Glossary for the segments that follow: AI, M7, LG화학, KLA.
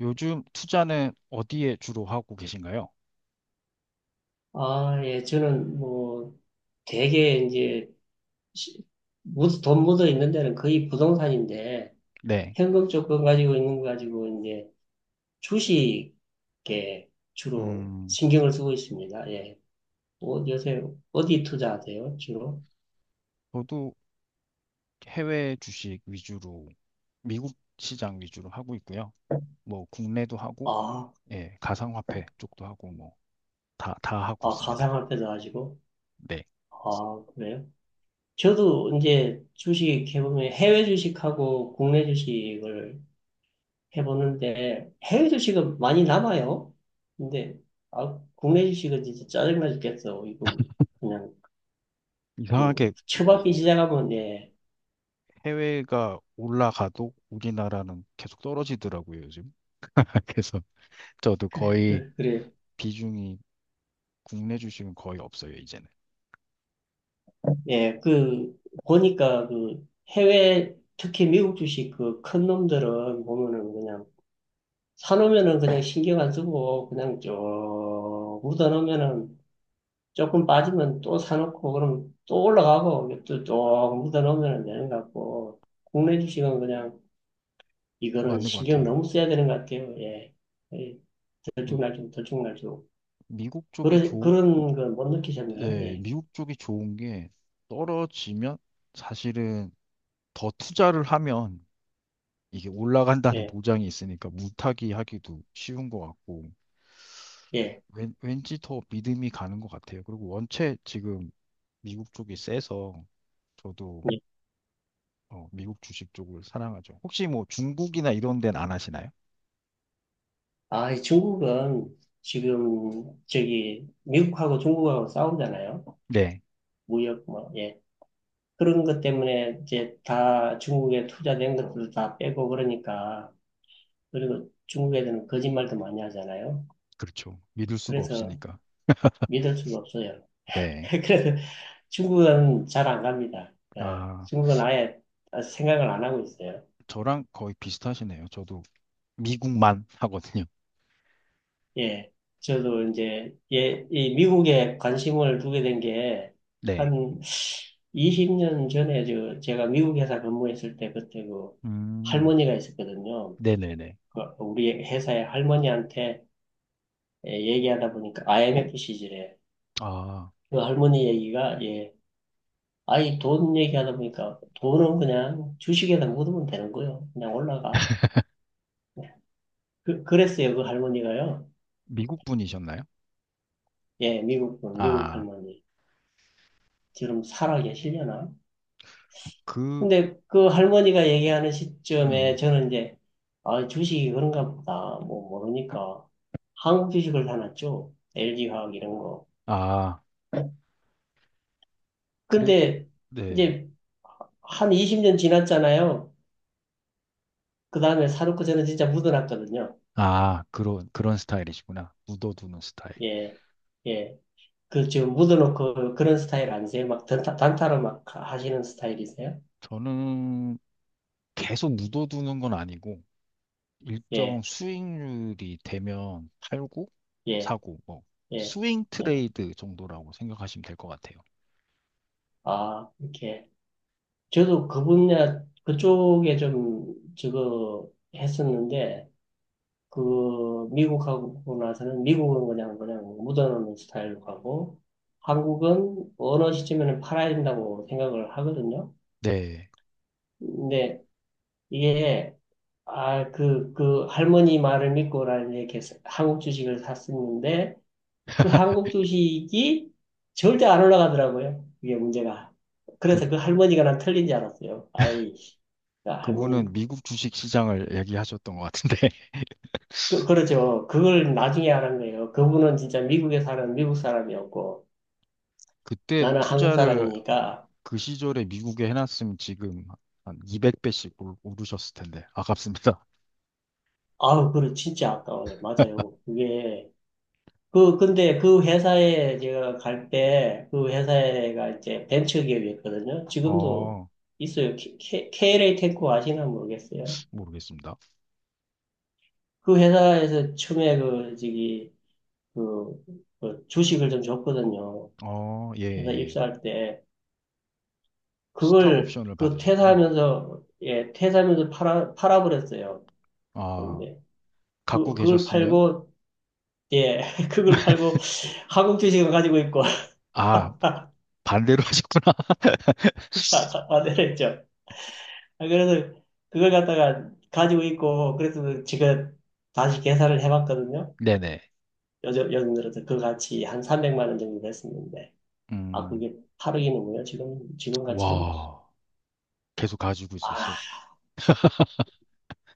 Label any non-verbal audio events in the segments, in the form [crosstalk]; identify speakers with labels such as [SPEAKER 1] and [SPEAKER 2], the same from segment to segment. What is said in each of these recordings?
[SPEAKER 1] 요즘 투자는 어디에 주로 하고 계신가요?
[SPEAKER 2] 아, 예, 저는 뭐 되게 이제 시- 돈 묻어 있는 데는 거의 부동산인데,
[SPEAKER 1] 네.
[SPEAKER 2] 현금 조건 가지고 있는 거 가지고 이제 주식에 주로
[SPEAKER 1] 음,
[SPEAKER 2] 신경을 쓰고 있습니다. 예. 요새 어디 투자하세요, 주로?
[SPEAKER 1] 저도 해외 주식 위주로, 미국 시장 위주로 하고 있고요. 뭐, 국내도 하고,
[SPEAKER 2] 아,
[SPEAKER 1] 예, 가상화폐 쪽도 하고, 뭐, 다 하고
[SPEAKER 2] 아,
[SPEAKER 1] 있습니다.
[SPEAKER 2] 가상화폐도 하시고?
[SPEAKER 1] 네.
[SPEAKER 2] 아, 그래요? 저도 이제 주식 해보면 해외 주식하고 국내 주식을 해보는데, 해외 주식은 많이 남아요. 근데 아, 국내 주식은 진짜 짜증나 죽겠어. 이거 그냥 그
[SPEAKER 1] 이상하게
[SPEAKER 2] 처박기 시작하면, 예,
[SPEAKER 1] 해외가 올라가도 우리나라는 계속 떨어지더라고요, 요즘. [laughs] 그래서 저도 거의
[SPEAKER 2] 그래.
[SPEAKER 1] 비중이 국내 주식은 거의 없어요, 이제는.
[SPEAKER 2] 예, 그 보니까 그 해외 특히 미국 주식 그 큰 놈들은 보면은 그냥 사놓으면은 그냥 신경 안 쓰고 그냥 쭉 묻어놓으면은, 조금 빠지면 또 사놓고, 그럼 또 올라가고, 또 쭉 묻어놓으면 되는 것 같고, 국내 주식은 그냥 이거는
[SPEAKER 1] 맞는 것
[SPEAKER 2] 신경
[SPEAKER 1] 같아요.
[SPEAKER 2] 너무 써야 되는 것 같아요. 예. 예,
[SPEAKER 1] 그
[SPEAKER 2] 들쭉날쭉, 들쭉날쭉.
[SPEAKER 1] 미국 쪽이
[SPEAKER 2] 그런,
[SPEAKER 1] 좋,
[SPEAKER 2] 그런 거 못 느끼셨나요?
[SPEAKER 1] 네,
[SPEAKER 2] 예,
[SPEAKER 1] 미국 쪽이 좋은 게 떨어지면 사실은 더 투자를 하면 이게 올라간다는 [laughs]
[SPEAKER 2] 예,
[SPEAKER 1] 보장이 있으니까 물타기 하기도 쉬운 것 같고
[SPEAKER 2] 예.
[SPEAKER 1] 왠지 더 믿음이 가는 것 같아요. 그리고 원체 지금 미국 쪽이 세서 저도
[SPEAKER 2] 예.
[SPEAKER 1] 미국 주식 쪽을 사랑하죠. 혹시 뭐 중국이나 이런 데는 안 하시나요?
[SPEAKER 2] 아, 이 중국은 지금 저기 미국하고 중국하고 싸우잖아요.
[SPEAKER 1] 네,
[SPEAKER 2] 무역 뭐, 예. 그런 것 때문에 이제 다 중국에 투자된 것들도 다 빼고 그러니까, 그리고 중국 애들은 거짓말도 많이 하잖아요.
[SPEAKER 1] 그렇죠. 믿을 수가
[SPEAKER 2] 그래서
[SPEAKER 1] 없으니까.
[SPEAKER 2] 믿을 수가 없어요. [laughs]
[SPEAKER 1] 네.
[SPEAKER 2] 그래서 중국은 잘 안 갑니다. 예,
[SPEAKER 1] 아,
[SPEAKER 2] 중국은 아예 생각을 안 하고 있어요.
[SPEAKER 1] 저랑 거의 비슷하시네요. 저도 미국만 [laughs] 하거든요.
[SPEAKER 2] 예, 저도 이제 예, 이 미국에 관심을 두게 된 게
[SPEAKER 1] 네.
[SPEAKER 2] 한 20년 전에 제가 미국 회사 근무했을 때, 그때 그
[SPEAKER 1] 음,
[SPEAKER 2] 할머니가 있었거든요.
[SPEAKER 1] 네네네.
[SPEAKER 2] 그 우리 회사의 할머니한테 예, 얘기하다 보니까 IMF 시절에,
[SPEAKER 1] 아,
[SPEAKER 2] 그 할머니 얘기가 예, 아이 돈 얘기하다 보니까 돈은 그냥 주식에다 묻으면 되는 거예요. 그냥 올라가. 그랬어요, 그 할머니가요.
[SPEAKER 1] 미국 분이셨나요?
[SPEAKER 2] 예, 미국 분, 미국
[SPEAKER 1] 아,
[SPEAKER 2] 할머니. 지금 살아 계시려나?
[SPEAKER 1] 그,
[SPEAKER 2] 근데 그 할머니가 얘기하는 시점에
[SPEAKER 1] 음,
[SPEAKER 2] 저는 이제, 아, 주식이 그런가 보다. 뭐, 모르니까. 한국 주식을 사놨죠. LG화학 이런 거.
[SPEAKER 1] 아, 그래도,
[SPEAKER 2] 근데
[SPEAKER 1] 네.
[SPEAKER 2] 이제 한 20년 지났잖아요. 그 다음에 사놓고 저는 진짜 묻어놨거든요.
[SPEAKER 1] 아, 그런 스타일이시구나. 묻어두는 스타일.
[SPEAKER 2] 예, 예. 그, 지금 묻어놓고 그런 스타일 아니세요? 막 단타, 단타로 막 하시는 스타일이세요?
[SPEAKER 1] 저는 계속 묻어두는 건 아니고, 일정
[SPEAKER 2] 예,
[SPEAKER 1] 수익률이 되면 팔고,
[SPEAKER 2] 예,
[SPEAKER 1] 사고, 뭐,
[SPEAKER 2] 예.
[SPEAKER 1] 스윙
[SPEAKER 2] 예.
[SPEAKER 1] 트레이드 정도라고 생각하시면 될 것 같아요.
[SPEAKER 2] 아, 이렇게. 저도 그 분야, 그쪽에 좀, 저거, 했었는데, 그, 미국하고 나서는, 미국은 그냥, 그냥 묻어놓는 스타일로 가고, 한국은 어느 시점에는 팔아야 된다고 생각을 하거든요.
[SPEAKER 1] 네.
[SPEAKER 2] 근데 이게, 아, 그, 할머니 말을 믿고 나는 이렇게 한국 주식을 샀었는데, 그
[SPEAKER 1] [laughs]
[SPEAKER 2] 한국 주식이 절대 안 올라가더라고요. 그게 문제가.
[SPEAKER 1] 그,
[SPEAKER 2] 그래서 그 할머니가 난 틀린 줄 알았어요. 아이, 야,
[SPEAKER 1] 그분은
[SPEAKER 2] 할머님.
[SPEAKER 1] 미국 주식 시장을 얘기하셨던 것 같은데, [laughs]
[SPEAKER 2] 그렇죠. 그걸 나중에 알았 거예요. 그분은 진짜 미국에 사는 미국 사람이었고,
[SPEAKER 1] 그때
[SPEAKER 2] 나는 한국
[SPEAKER 1] 투자를
[SPEAKER 2] 사람이니까,
[SPEAKER 1] 그 시절에 미국에 해놨으면 지금 한 200배씩 오르셨을 텐데 아깝습니다.
[SPEAKER 2] 아우, 그래, 진짜 아까워요. 맞아요. 그게, 그, 근데 그 회사에 제가 갈 때, 그 회사가 이제 벤처기업이었거든요.
[SPEAKER 1] [laughs]
[SPEAKER 2] 지금도
[SPEAKER 1] 어,
[SPEAKER 2] 있어요. KLA 테크 아시나 모르겠어요.
[SPEAKER 1] 모르겠습니다.
[SPEAKER 2] 그 회사에서 처음에 그, 저기, 그, 그 주식을 좀 줬거든요.
[SPEAKER 1] 어, 예,
[SPEAKER 2] 회사
[SPEAKER 1] 예.
[SPEAKER 2] 입사할 때.
[SPEAKER 1] 스탁
[SPEAKER 2] 그걸
[SPEAKER 1] 옵션을
[SPEAKER 2] 그
[SPEAKER 1] 받으셨구나.
[SPEAKER 2] 퇴사하면서, 예, 퇴사하면서 팔아버렸어요.
[SPEAKER 1] 아,
[SPEAKER 2] 근데 그,
[SPEAKER 1] 갖고
[SPEAKER 2] 그걸
[SPEAKER 1] 계셨으면
[SPEAKER 2] 팔고, 예, [laughs] 그걸 팔고 한국 주식을 가지고 있고,
[SPEAKER 1] 아, 바- 반대로 [laughs] 하셨구나. [laughs]
[SPEAKER 2] [laughs] 다 만들었죠. 아, 그래서 그걸 갖다가 가지고 있고, 그래서 제가 다시 계산을 해봤거든요.
[SPEAKER 1] 네네.
[SPEAKER 2] 요즘 들어서 그 가치 한 300만 원 정도 됐었는데. 아,
[SPEAKER 1] 음,
[SPEAKER 2] 그게 8억이는군요. 지금, 지금 가치로.
[SPEAKER 1] 와, 계속 가지고 있으셨어요.
[SPEAKER 2] 아,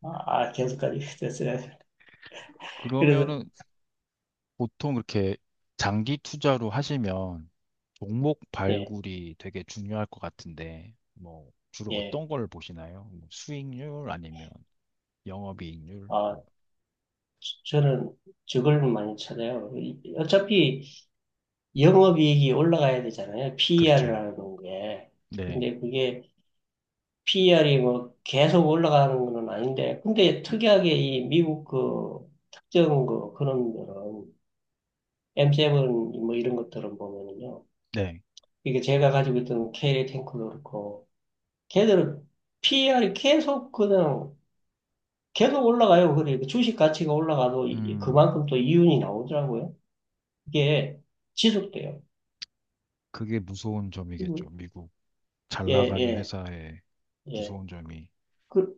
[SPEAKER 2] 아, 계속까지 [laughs] 됐어요. 그래서,
[SPEAKER 1] 그러면은 보통 그렇게 장기 투자로 하시면 종목
[SPEAKER 2] 예,
[SPEAKER 1] 발굴이 되게 중요할 것 같은데, 뭐, 주로
[SPEAKER 2] 예.
[SPEAKER 1] 어떤 걸 보시나요? 뭐 수익률 아니면 영업이익률?
[SPEAKER 2] 아,
[SPEAKER 1] 뭐,
[SPEAKER 2] 저는 저걸 많이 찾아요. 어차피 영업이익이 올라가야 되잖아요.
[SPEAKER 1] 그렇죠.
[SPEAKER 2] PER이라는 게.
[SPEAKER 1] 네,
[SPEAKER 2] 근데 그게 PER이 뭐 계속 올라가는 건 아닌데, 근데 특이하게 이 미국 그 특정 그 그런 거는 M7 뭐 이런 것들은 보면은요.
[SPEAKER 1] 네.
[SPEAKER 2] 이게 제가 가지고 있던 K 탱크도 그렇고, 걔들은 PER이 계속 그냥 계속 올라가요. 그러니까 주식 가치가 올라가도
[SPEAKER 1] 음,
[SPEAKER 2] 그만큼 또 이윤이 나오더라고요. 이게 지속돼요.
[SPEAKER 1] 그게 무서운 점이겠죠.
[SPEAKER 2] 음.
[SPEAKER 1] 미국 잘
[SPEAKER 2] 예,
[SPEAKER 1] 나가는
[SPEAKER 2] 예,
[SPEAKER 1] 회사의
[SPEAKER 2] 예.
[SPEAKER 1] 무서운 점이.
[SPEAKER 2] 그,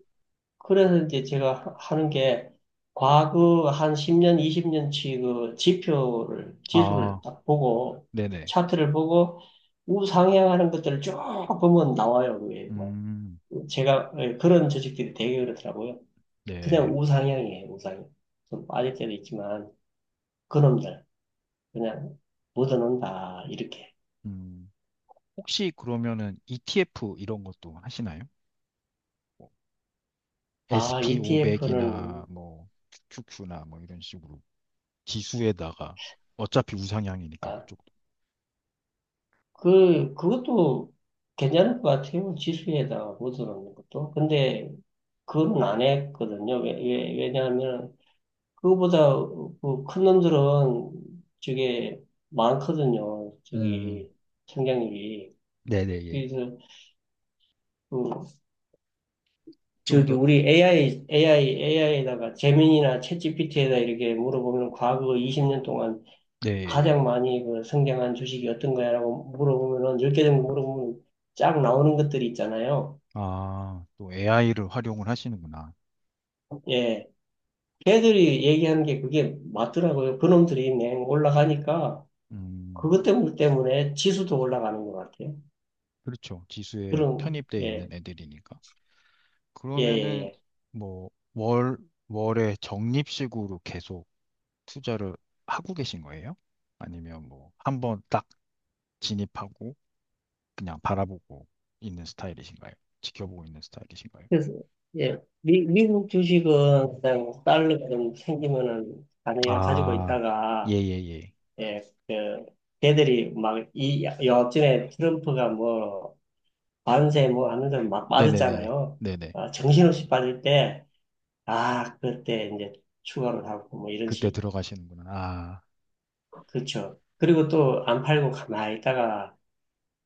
[SPEAKER 2] 그래서 이제 제가 하는 게 과거 한 10년, 20년치 그 지표를, 지수를
[SPEAKER 1] 아,
[SPEAKER 2] 딱 보고
[SPEAKER 1] 네네.
[SPEAKER 2] 차트를 보고 우상향하는 것들을 쭉 보면 나와요. 그게 뭐.
[SPEAKER 1] 음,
[SPEAKER 2] 제가 예, 그런 주식들이 되게 그렇더라고요. 그냥
[SPEAKER 1] 네.
[SPEAKER 2] 우상향이에요, 우상향. 좀 빠질 때도 있지만 그놈들. 그냥 묻어놓는다, 이렇게.
[SPEAKER 1] 음, 혹시 그러면은 ETF 이런 것도 하시나요? 뭐
[SPEAKER 2] 아, ETF는,
[SPEAKER 1] SP500이나 뭐 QQ나 뭐 이런 식으로 기수에다가 어차피 우상향이니까
[SPEAKER 2] 아,
[SPEAKER 1] 그쪽도.
[SPEAKER 2] 그것도 괜찮을 것 같아요. 지수에다가 묻어놓는 것도. 근데, 그건 안 했거든요. 왜냐하면, 그거보다 그 큰 놈들은 저게 많거든요.
[SPEAKER 1] 음,
[SPEAKER 2] 저기, 성장률이.
[SPEAKER 1] 네네, 예.
[SPEAKER 2] 그래서, 그,
[SPEAKER 1] 좀
[SPEAKER 2] 저기,
[SPEAKER 1] 더,
[SPEAKER 2] 우리 AI에다가 제민이나 챗GPT에다 이렇게 물어보면 과거 20년 동안
[SPEAKER 1] 네. 예.
[SPEAKER 2] 가장
[SPEAKER 1] 예.
[SPEAKER 2] 많이 그 성장한 주식이 어떤 거야라고 물어보면은 10개 정도 물어보면 쫙 나오는 것들이 있잖아요.
[SPEAKER 1] 아, 또 AI를 활용을 하시는구나.
[SPEAKER 2] 예. 걔들이 얘기하는 게 그게 맞더라고요. 그놈들이 냉 올라가니까
[SPEAKER 1] 음,
[SPEAKER 2] 그것 때문에 지수도 올라가는 것 같아요.
[SPEAKER 1] 그렇죠. 기수에
[SPEAKER 2] 그런
[SPEAKER 1] 편입돼 있는
[SPEAKER 2] 예.
[SPEAKER 1] 애들이니까.
[SPEAKER 2] 예, 예,
[SPEAKER 1] 그러면은
[SPEAKER 2] 예.
[SPEAKER 1] 뭐 월, 월에 적립식으로 계속 투자를 하고 계신 거예요? 아니면 뭐 한 번 딱 진입하고 그냥 바라보고 있는 스타일이신가요? 지켜보고 있는 스타일이신가요?
[SPEAKER 2] 그래서 예. 미국 주식은 그냥 달러가 좀 생기면은 당연히 가지고
[SPEAKER 1] 아, 예,
[SPEAKER 2] 있다가,
[SPEAKER 1] 예, 예.
[SPEAKER 2] 예. 그 걔들이 막 이 여하튼에 트럼프가 뭐 밤새 뭐 하면서 막
[SPEAKER 1] 네네네네.
[SPEAKER 2] 빠졌잖아요.
[SPEAKER 1] 네네.
[SPEAKER 2] 아, 정신없이 빠질 때, 아, 그때 이제 추가로 사고 뭐 이런
[SPEAKER 1] 그때
[SPEAKER 2] 식.
[SPEAKER 1] 들어가시는구나. 아,
[SPEAKER 2] 그렇죠. 그리고 또 안 팔고 가만히 있다가,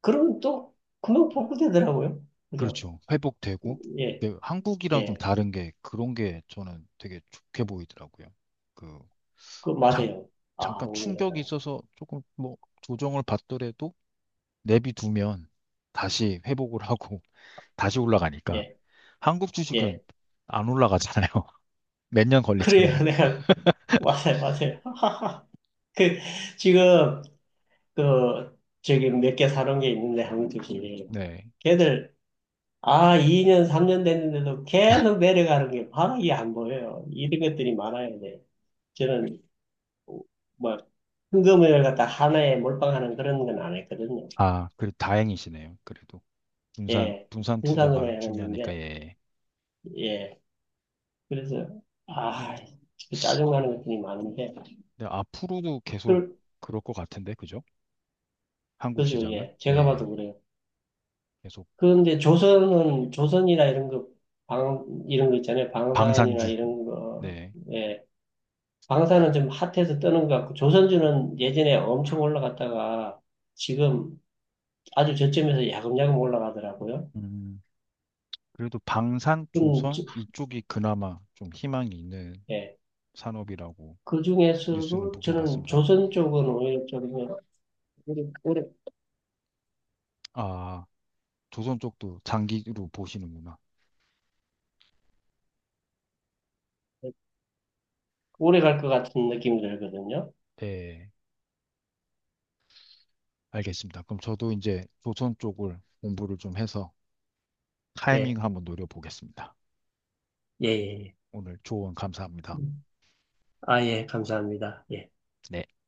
[SPEAKER 2] 그러면 또 금방 복구되더라고요. 그죠?
[SPEAKER 1] 그렇죠. 회복되고.
[SPEAKER 2] 예,
[SPEAKER 1] 근데 한국이랑 좀
[SPEAKER 2] 예.
[SPEAKER 1] 다른 게 그런 게 저는 되게 좋게 보이더라고요. 그,
[SPEAKER 2] 그,
[SPEAKER 1] 잠,
[SPEAKER 2] 맞아요. 아,
[SPEAKER 1] 잠깐 충격이
[SPEAKER 2] 오늘은,
[SPEAKER 1] 있어서 조금 뭐 조정을 받더라도 내비두면 다시 회복을 하고 [laughs] 다시 올라가니까.
[SPEAKER 2] 예,
[SPEAKER 1] 한국 주식은
[SPEAKER 2] 예.
[SPEAKER 1] 안 올라가잖아요. [laughs] 몇 년 걸리잖아요.
[SPEAKER 2] 그래요. [laughs] 내가, 맞아요, 맞아요. [laughs] 그, 지금, 그, 저기 몇 개 사놓은 게 있는데, 한두 개.
[SPEAKER 1] 네.
[SPEAKER 2] 걔들, 아, 2년, 3년 됐는데도 계속 내려가는 게 바로 이게 안 보여요. 이런 것들이 많아야 돼. 저는 뭐 현금을 갖다 하나에 몰빵하는 그런 건 안 했거든요.
[SPEAKER 1] 아, 그래 다행이시네요. 그래도 분산
[SPEAKER 2] 예,
[SPEAKER 1] 분산
[SPEAKER 2] 생산으로
[SPEAKER 1] 투자가 중요하니까
[SPEAKER 2] 해놨는데,
[SPEAKER 1] 예.
[SPEAKER 2] 예, 그래서 아, 그 짜증나는 것들이 많은데,
[SPEAKER 1] 근데 앞으로도 계속
[SPEAKER 2] 그,
[SPEAKER 1] 그럴 것 같은데 그죠? 한국
[SPEAKER 2] 그죠,
[SPEAKER 1] 시장은
[SPEAKER 2] 예, 제가 봐도
[SPEAKER 1] 네
[SPEAKER 2] 그래요.
[SPEAKER 1] 계속
[SPEAKER 2] 그런데 조선은 조선이나 이런 거, 이런 거 있잖아요. 방산이나
[SPEAKER 1] 방산주
[SPEAKER 2] 이런 거,
[SPEAKER 1] 네.
[SPEAKER 2] 예, 방사는 좀 핫해서 뜨는 것 같고, 조선주는 예전에 엄청 올라갔다가 지금 아주 저점에서 야금야금 올라가더라고요.
[SPEAKER 1] 음, 그래도 방산
[SPEAKER 2] 음, 저-
[SPEAKER 1] 조선 이쪽이 그나마 좀 희망이 있는
[SPEAKER 2] 예.
[SPEAKER 1] 산업이라고
[SPEAKER 2] 그
[SPEAKER 1] 뉴스는
[SPEAKER 2] 중에서도
[SPEAKER 1] 보긴
[SPEAKER 2] 저는
[SPEAKER 1] 봤습니다.
[SPEAKER 2] 조선 쪽은 오히려 좀 오래, 오래,
[SPEAKER 1] 아 조선 쪽도 장기로 보시는구나.
[SPEAKER 2] 오래 갈 것 같은 느낌이 들거든요.
[SPEAKER 1] 네 알겠습니다. 그럼 저도 이제 조선 쪽을 공부를 좀 해서
[SPEAKER 2] 예,
[SPEAKER 1] 타이밍 한번 노려보겠습니다.
[SPEAKER 2] 예, 예. 예.
[SPEAKER 1] 오늘 조언 감사합니다.
[SPEAKER 2] 음. 아, 예, 감사합니다. 예.
[SPEAKER 1] 네.